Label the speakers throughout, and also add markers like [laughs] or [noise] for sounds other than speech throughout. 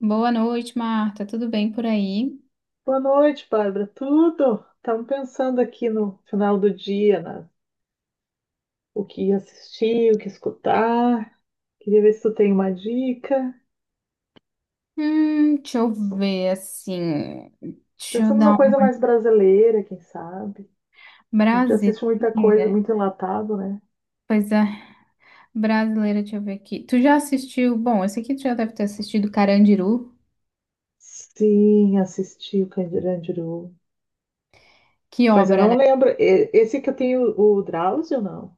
Speaker 1: Boa noite, Marta. Tudo bem por aí?
Speaker 2: Boa noite, Bárbara. Tudo? Estamos pensando aqui no final do dia, o que assistir, o que escutar. Queria ver se tu tem uma dica.
Speaker 1: Deixa eu ver assim. Deixa
Speaker 2: Pensando
Speaker 1: eu
Speaker 2: numa
Speaker 1: dar uma
Speaker 2: coisa mais brasileira, quem sabe? A gente assiste muita coisa,
Speaker 1: brasileira.
Speaker 2: muito enlatado, né?
Speaker 1: Pois é, brasileira, deixa eu ver aqui. Tu já assistiu? Bom, esse aqui tu já deve ter assistido Carandiru.
Speaker 2: Sim, assisti o Carandiru.
Speaker 1: Que
Speaker 2: Mas eu
Speaker 1: obra,
Speaker 2: não
Speaker 1: né?
Speaker 2: lembro. Esse que eu tenho, o Drauzio, não.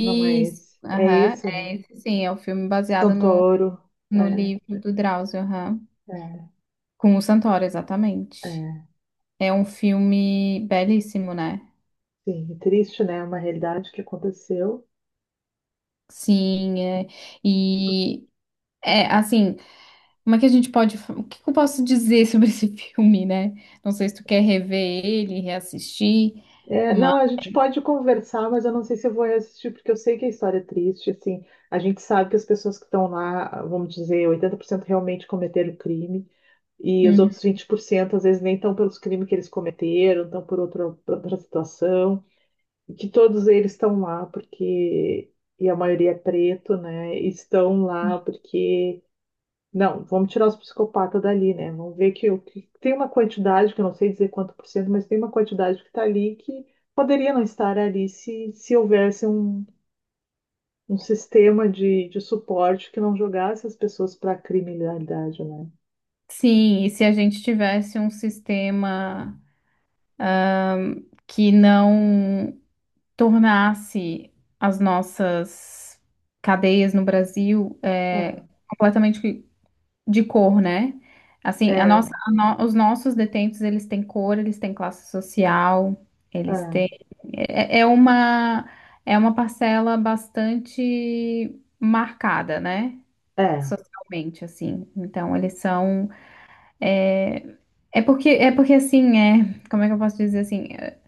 Speaker 2: Não é esse. É
Speaker 1: Aham,
Speaker 2: esse, né?
Speaker 1: é esse sim, é o filme baseado
Speaker 2: Santoro.
Speaker 1: no
Speaker 2: É,
Speaker 1: livro do Drauzio, aham.
Speaker 2: é,
Speaker 1: Com o Santoro, exatamente.
Speaker 2: é.
Speaker 1: É um filme belíssimo, né?
Speaker 2: Sim, triste, né? Uma realidade que aconteceu.
Speaker 1: Sim, é. E é assim. Como é que a gente pode. O que eu posso dizer sobre [laughs] esse filme, né? Não sei se tu quer rever ele, reassistir,
Speaker 2: É,
Speaker 1: mas.
Speaker 2: não, a gente pode conversar, mas eu não sei se eu vou assistir, porque eu sei que a história é triste, assim, a gente sabe que as pessoas que estão lá, vamos dizer, 80% realmente cometeram crime, e os
Speaker 1: Uhum.
Speaker 2: outros 20% às vezes nem estão pelos crimes que eles cometeram, estão por outra situação, e que todos eles estão lá porque, e a maioria é preto, né, e estão lá porque não, vamos tirar os psicopatas dali, né? Vamos ver que, que tem uma quantidade, que eu não sei dizer quanto por cento, mas tem uma quantidade que está ali que poderia não estar ali se houvesse um, um sistema de suporte que não jogasse as pessoas para a criminalidade, né?
Speaker 1: Sim, e se a gente tivesse um sistema que não tornasse as nossas cadeias no Brasil
Speaker 2: Aham.
Speaker 1: completamente de cor, né? Assim, a nossa,
Speaker 2: É,
Speaker 1: a no- os nossos detentos, eles têm cor, eles têm classe social, eles têm...
Speaker 2: é,
Speaker 1: É, é uma, é uma parcela bastante marcada, né?
Speaker 2: é,
Speaker 1: Socialmente, assim. Então, eles são... É porque assim, é... Como é que eu posso dizer assim? É,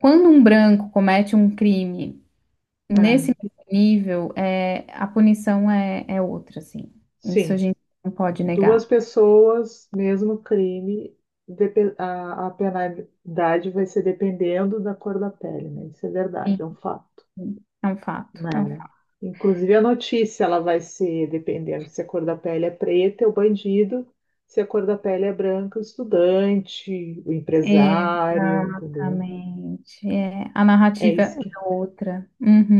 Speaker 1: quando um branco comete um crime
Speaker 2: é.
Speaker 1: nesse nível, é, a punição é, é outra, assim. Isso a
Speaker 2: Sim.
Speaker 1: gente não pode
Speaker 2: Duas
Speaker 1: negar.
Speaker 2: pessoas, mesmo crime, a penalidade vai ser dependendo da cor da pele, né? Isso é
Speaker 1: Sim,
Speaker 2: verdade, é um fato.
Speaker 1: é um
Speaker 2: Né?
Speaker 1: fato.
Speaker 2: Inclusive a notícia, ela vai ser, dependendo se a cor da pele é preta, é o bandido, se a cor da pele é branca, o estudante, o empresário, entendeu?
Speaker 1: Exatamente. É, a
Speaker 2: É
Speaker 1: narrativa é
Speaker 2: isso que
Speaker 1: outra.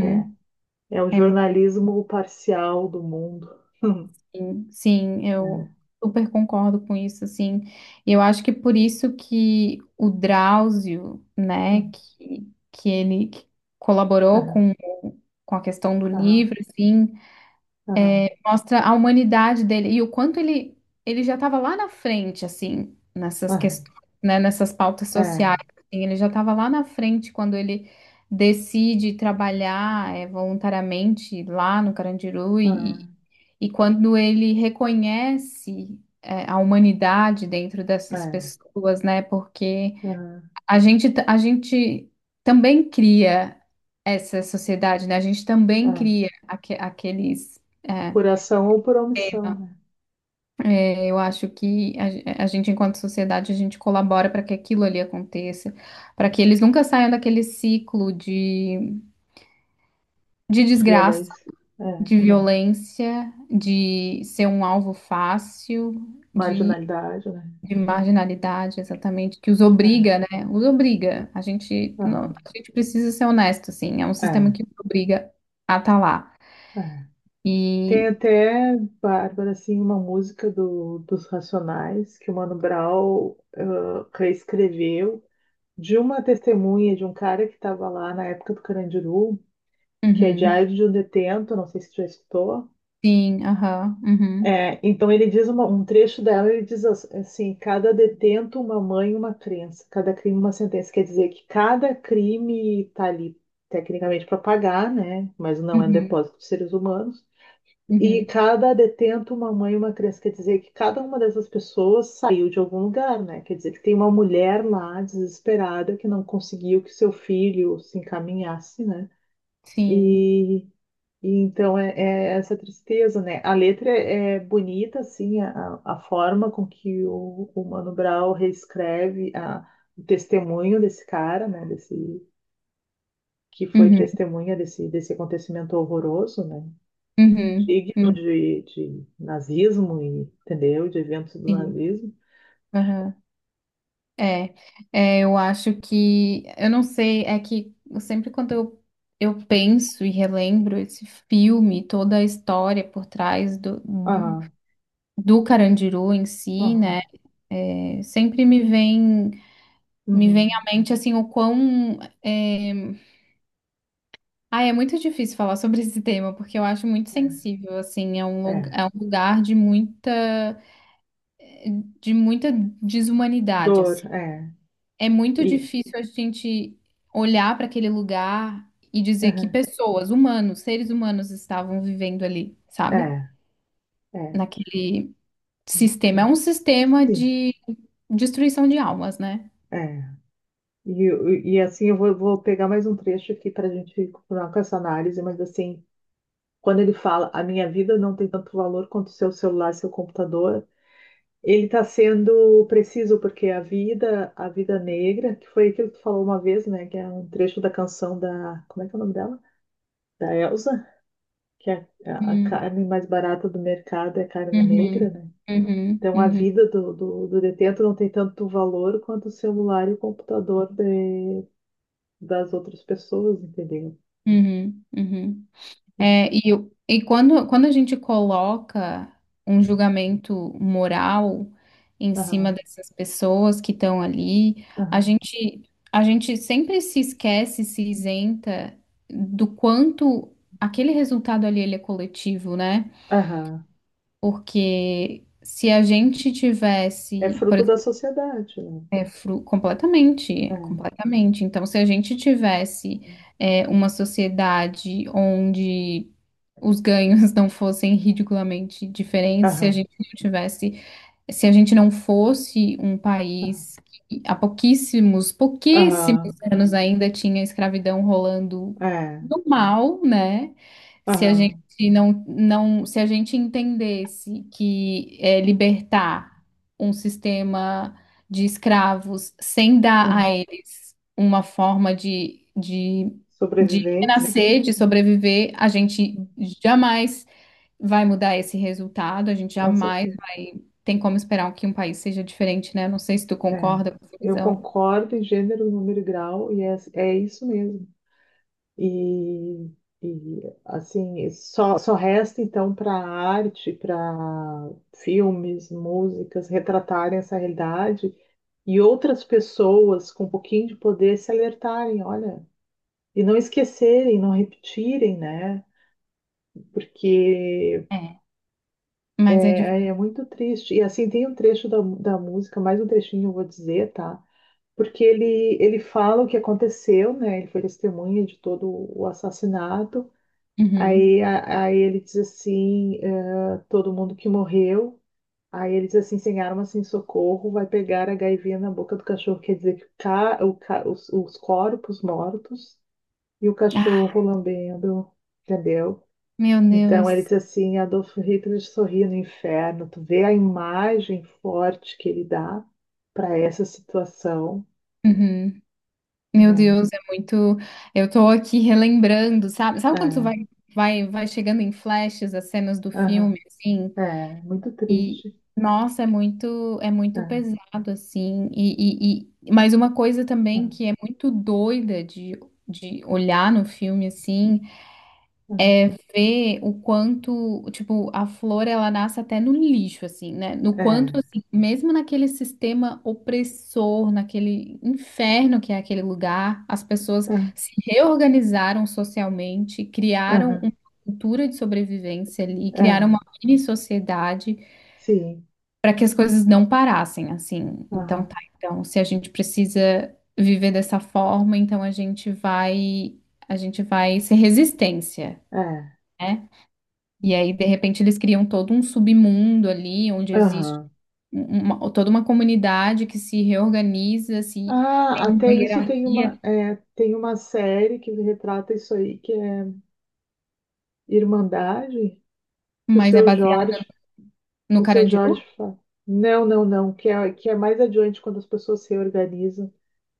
Speaker 2: é. É o
Speaker 1: É, muito
Speaker 2: jornalismo parcial do mundo. [laughs]
Speaker 1: sim,
Speaker 2: É,
Speaker 1: eu super concordo com isso, assim. E eu acho que por isso que o Drauzio, né, que ele colaborou
Speaker 2: aham,
Speaker 1: com a questão do
Speaker 2: aham,
Speaker 1: livro, assim,
Speaker 2: aham,
Speaker 1: mostra a humanidade dele e o quanto ele, ele já estava lá na frente, assim, nessas
Speaker 2: aham,
Speaker 1: questões, né, nessas pautas sociais.
Speaker 2: é,
Speaker 1: Assim, ele já estava lá na frente quando ele decide trabalhar voluntariamente lá no Carandiru
Speaker 2: aham,
Speaker 1: e quando ele reconhece a humanidade dentro dessas
Speaker 2: é,
Speaker 1: pessoas, né? Porque
Speaker 2: aham,
Speaker 1: a gente também cria essa sociedade, né? A gente também
Speaker 2: é.
Speaker 1: cria aqueles. eh,
Speaker 2: Por ação ou por omissão, né?
Speaker 1: Eu acho que a gente, enquanto sociedade, a gente colabora para que aquilo ali aconteça, para que eles nunca saiam daquele ciclo de desgraça,
Speaker 2: Violência, é.
Speaker 1: de violência, de ser um alvo fácil, de,
Speaker 2: Marginalidade, né?
Speaker 1: de marginalidade, exatamente, que os
Speaker 2: É,
Speaker 1: obriga, né? Os obriga. A gente,
Speaker 2: aham,
Speaker 1: a gente precisa ser honesto, assim, é um sistema
Speaker 2: é,
Speaker 1: que nos obriga a estar lá.
Speaker 2: é. Tem
Speaker 1: E,
Speaker 2: até, Bárbara, assim, uma música dos Racionais que o Mano Brown reescreveu de uma testemunha de um cara que estava lá na época do Carandiru, que é
Speaker 1: uhum,
Speaker 2: Diário de um Detento, não sei se tu já escutou.
Speaker 1: sim, aham, uhum,
Speaker 2: É, então ele diz um trecho dela, ele diz assim, cada detento uma mãe, uma crença, cada crime uma sentença. Quer dizer que cada crime está ali tecnicamente para pagar, né? Mas não é um
Speaker 1: uhum,
Speaker 2: depósito de seres humanos. E
Speaker 1: uhum,
Speaker 2: cada detento, uma mãe e uma criança, quer dizer que cada uma dessas pessoas saiu de algum lugar, né? Quer dizer que tem uma mulher lá desesperada que não conseguiu que seu filho se encaminhasse, né?
Speaker 1: sim.
Speaker 2: E, e então é, é essa tristeza, né? A letra é, é bonita, assim, a forma com que o Mano Brown reescreve a, o testemunho desse cara, né? Desse, que foi
Speaker 1: Uhum.
Speaker 2: testemunha desse, desse acontecimento horroroso, né?
Speaker 1: Uhum,
Speaker 2: Digno
Speaker 1: uhum,
Speaker 2: de nazismo, entendeu? De eventos do
Speaker 1: sim,
Speaker 2: nazismo.
Speaker 1: aham. É, é, eu acho que, eu não sei, é que eu sempre quando eu penso e relembro esse filme, toda a história por trás
Speaker 2: Aham,
Speaker 1: do Carandiru em si,
Speaker 2: aham,
Speaker 1: né, sempre me vem, me vem
Speaker 2: uhum,
Speaker 1: à mente, assim, o quão, é... Ah, é muito difícil falar sobre esse tema, porque eu acho muito sensível, assim, é um,
Speaker 2: é, é.
Speaker 1: é um lugar de muita desumanidade,
Speaker 2: Dor,
Speaker 1: assim,
Speaker 2: é.
Speaker 1: é muito
Speaker 2: E,
Speaker 1: difícil a gente olhar para aquele lugar e dizer que
Speaker 2: aham,
Speaker 1: pessoas, humanos, seres humanos estavam vivendo ali,
Speaker 2: é,
Speaker 1: sabe?
Speaker 2: é.
Speaker 1: Naquele sistema. É um sistema
Speaker 2: Sim,
Speaker 1: de destruição de almas, né?
Speaker 2: é. E assim eu vou, vou pegar mais um trecho aqui para a gente continuar com essa análise, mas assim, quando ele fala, a minha vida não tem tanto valor quanto o seu celular, seu computador. Ele está sendo preciso porque a vida negra, que foi aquilo que tu falou uma vez, né? Que é um trecho da canção da, como é que é o nome dela? Da Elsa, que é a
Speaker 1: Uhum,
Speaker 2: carne mais barata do mercado é carne negra,
Speaker 1: uhum,
Speaker 2: né?
Speaker 1: uhum,
Speaker 2: Então a
Speaker 1: uhum,
Speaker 2: vida do detento não tem tanto valor quanto o celular e o computador das outras pessoas, entendeu?
Speaker 1: uhum, uhum. É, e, e quando, quando a gente coloca um julgamento moral em cima
Speaker 2: Aham,
Speaker 1: dessas pessoas que estão ali, a
Speaker 2: aham,
Speaker 1: gente, a gente sempre se esquece, se isenta do quanto aquele resultado ali ele é coletivo, né?
Speaker 2: aham.
Speaker 1: Porque se a gente
Speaker 2: É
Speaker 1: tivesse, por
Speaker 2: fruto da sociedade, né?
Speaker 1: é, completamente,
Speaker 2: É.
Speaker 1: completamente. Então, se a gente tivesse é, uma sociedade onde os ganhos [laughs] não fossem ridiculamente diferentes, se a
Speaker 2: Aham,
Speaker 1: gente não tivesse se a gente não fosse um país que há pouquíssimos, pouquíssimos
Speaker 2: aham,
Speaker 1: anos ainda tinha escravidão rolando
Speaker 2: é,
Speaker 1: no mal, né? Se a gente
Speaker 2: aham,
Speaker 1: não, se a gente entendesse que é, libertar um sistema de escravos sem dar a
Speaker 2: aham.
Speaker 1: eles uma forma de
Speaker 2: Sobrevivência?
Speaker 1: renascer, de sobreviver, a gente
Speaker 2: Né?
Speaker 1: jamais vai mudar esse resultado. A gente
Speaker 2: Com
Speaker 1: jamais
Speaker 2: certeza.
Speaker 1: vai. Tem como esperar que um país seja diferente, né? Não sei se tu
Speaker 2: É.
Speaker 1: concorda com essa
Speaker 2: Eu
Speaker 1: visão,
Speaker 2: concordo em gênero, número e grau, e é, é isso mesmo. E, e assim, só resta então para a arte, para filmes, músicas, retratarem essa realidade e outras pessoas com um pouquinho de poder se alertarem, olha, e não esquecerem, não repetirem, né? Porque
Speaker 1: é.
Speaker 2: é,
Speaker 1: Mas é
Speaker 2: é é
Speaker 1: difícil.
Speaker 2: muito triste. E assim, tem um trecho da música, mais um trechinho eu vou dizer, tá? Porque ele fala o que aconteceu, né? Ele foi testemunha de todo o assassinato.
Speaker 1: Uhum.
Speaker 2: Aí, aí ele diz assim, todo mundo que morreu. Aí ele diz assim, sem arma, sem socorro, vai pegar a gaivinha na boca do cachorro. Quer dizer que os corpos mortos e o
Speaker 1: Ah,
Speaker 2: cachorro lambendo, entendeu?
Speaker 1: meu
Speaker 2: Então ele diz
Speaker 1: Deus.
Speaker 2: assim, Adolf Hitler sorria no inferno. Tu vê a imagem forte que ele dá para essa situação,
Speaker 1: Uhum. Meu
Speaker 2: né?
Speaker 1: Deus, é muito. Eu tô aqui relembrando, sabe? Sabe quando tu
Speaker 2: É.
Speaker 1: vai, vai chegando em flashes as cenas do
Speaker 2: Aham.
Speaker 1: filme, assim?
Speaker 2: É, muito
Speaker 1: E,
Speaker 2: triste.
Speaker 1: nossa, é muito
Speaker 2: É,
Speaker 1: pesado, assim. E... Mas uma coisa também
Speaker 2: aham,
Speaker 1: que é muito doida de olhar no filme, assim,
Speaker 2: aham.
Speaker 1: ver o quanto, tipo, a flor ela nasce até no lixo, assim, né? No quanto,
Speaker 2: É,
Speaker 1: assim, mesmo naquele sistema opressor, naquele inferno que é aquele lugar, as pessoas
Speaker 2: ah,
Speaker 1: se reorganizaram socialmente, criaram
Speaker 2: aham,
Speaker 1: uma cultura de sobrevivência ali, criaram
Speaker 2: é,
Speaker 1: uma mini sociedade
Speaker 2: sim,
Speaker 1: para que as coisas não parassem, assim. Então,
Speaker 2: aham,
Speaker 1: tá, então, se a gente precisa viver dessa forma, então a gente vai ser resistência.
Speaker 2: é,
Speaker 1: Né? E aí, de repente, eles criam todo um submundo ali, onde existe
Speaker 2: aham.
Speaker 1: um, toda uma comunidade que se reorganiza, se tem
Speaker 2: Ah,
Speaker 1: uma
Speaker 2: até isso tem uma,
Speaker 1: hierarquia,
Speaker 2: é, tem uma série que retrata isso aí, que é Irmandade, que
Speaker 1: mas é baseada no
Speaker 2: O seu Jorge
Speaker 1: Carandiru?
Speaker 2: fala, não, não, não, que é mais adiante quando as pessoas se organizam,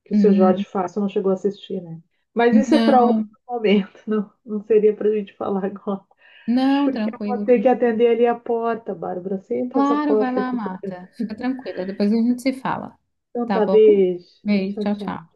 Speaker 2: que o seu
Speaker 1: Hum,
Speaker 2: Jorge fala, você não chegou a assistir, né? Mas isso é para outro
Speaker 1: Não,
Speaker 2: momento, [laughs] não, não seria para a gente falar agora.
Speaker 1: não,
Speaker 2: Porque eu vou
Speaker 1: tranquilo,
Speaker 2: ter que
Speaker 1: tranquilo.
Speaker 2: atender ali a porta, Bárbara. Sempre essa
Speaker 1: Claro, vai
Speaker 2: porta
Speaker 1: lá,
Speaker 2: aqui.
Speaker 1: Marta. Fica tranquila, depois a gente se fala.
Speaker 2: Então
Speaker 1: Tá
Speaker 2: tá,
Speaker 1: bom?
Speaker 2: beijo.
Speaker 1: Beijo,
Speaker 2: Tchau,
Speaker 1: tchau, tchau.
Speaker 2: tchau.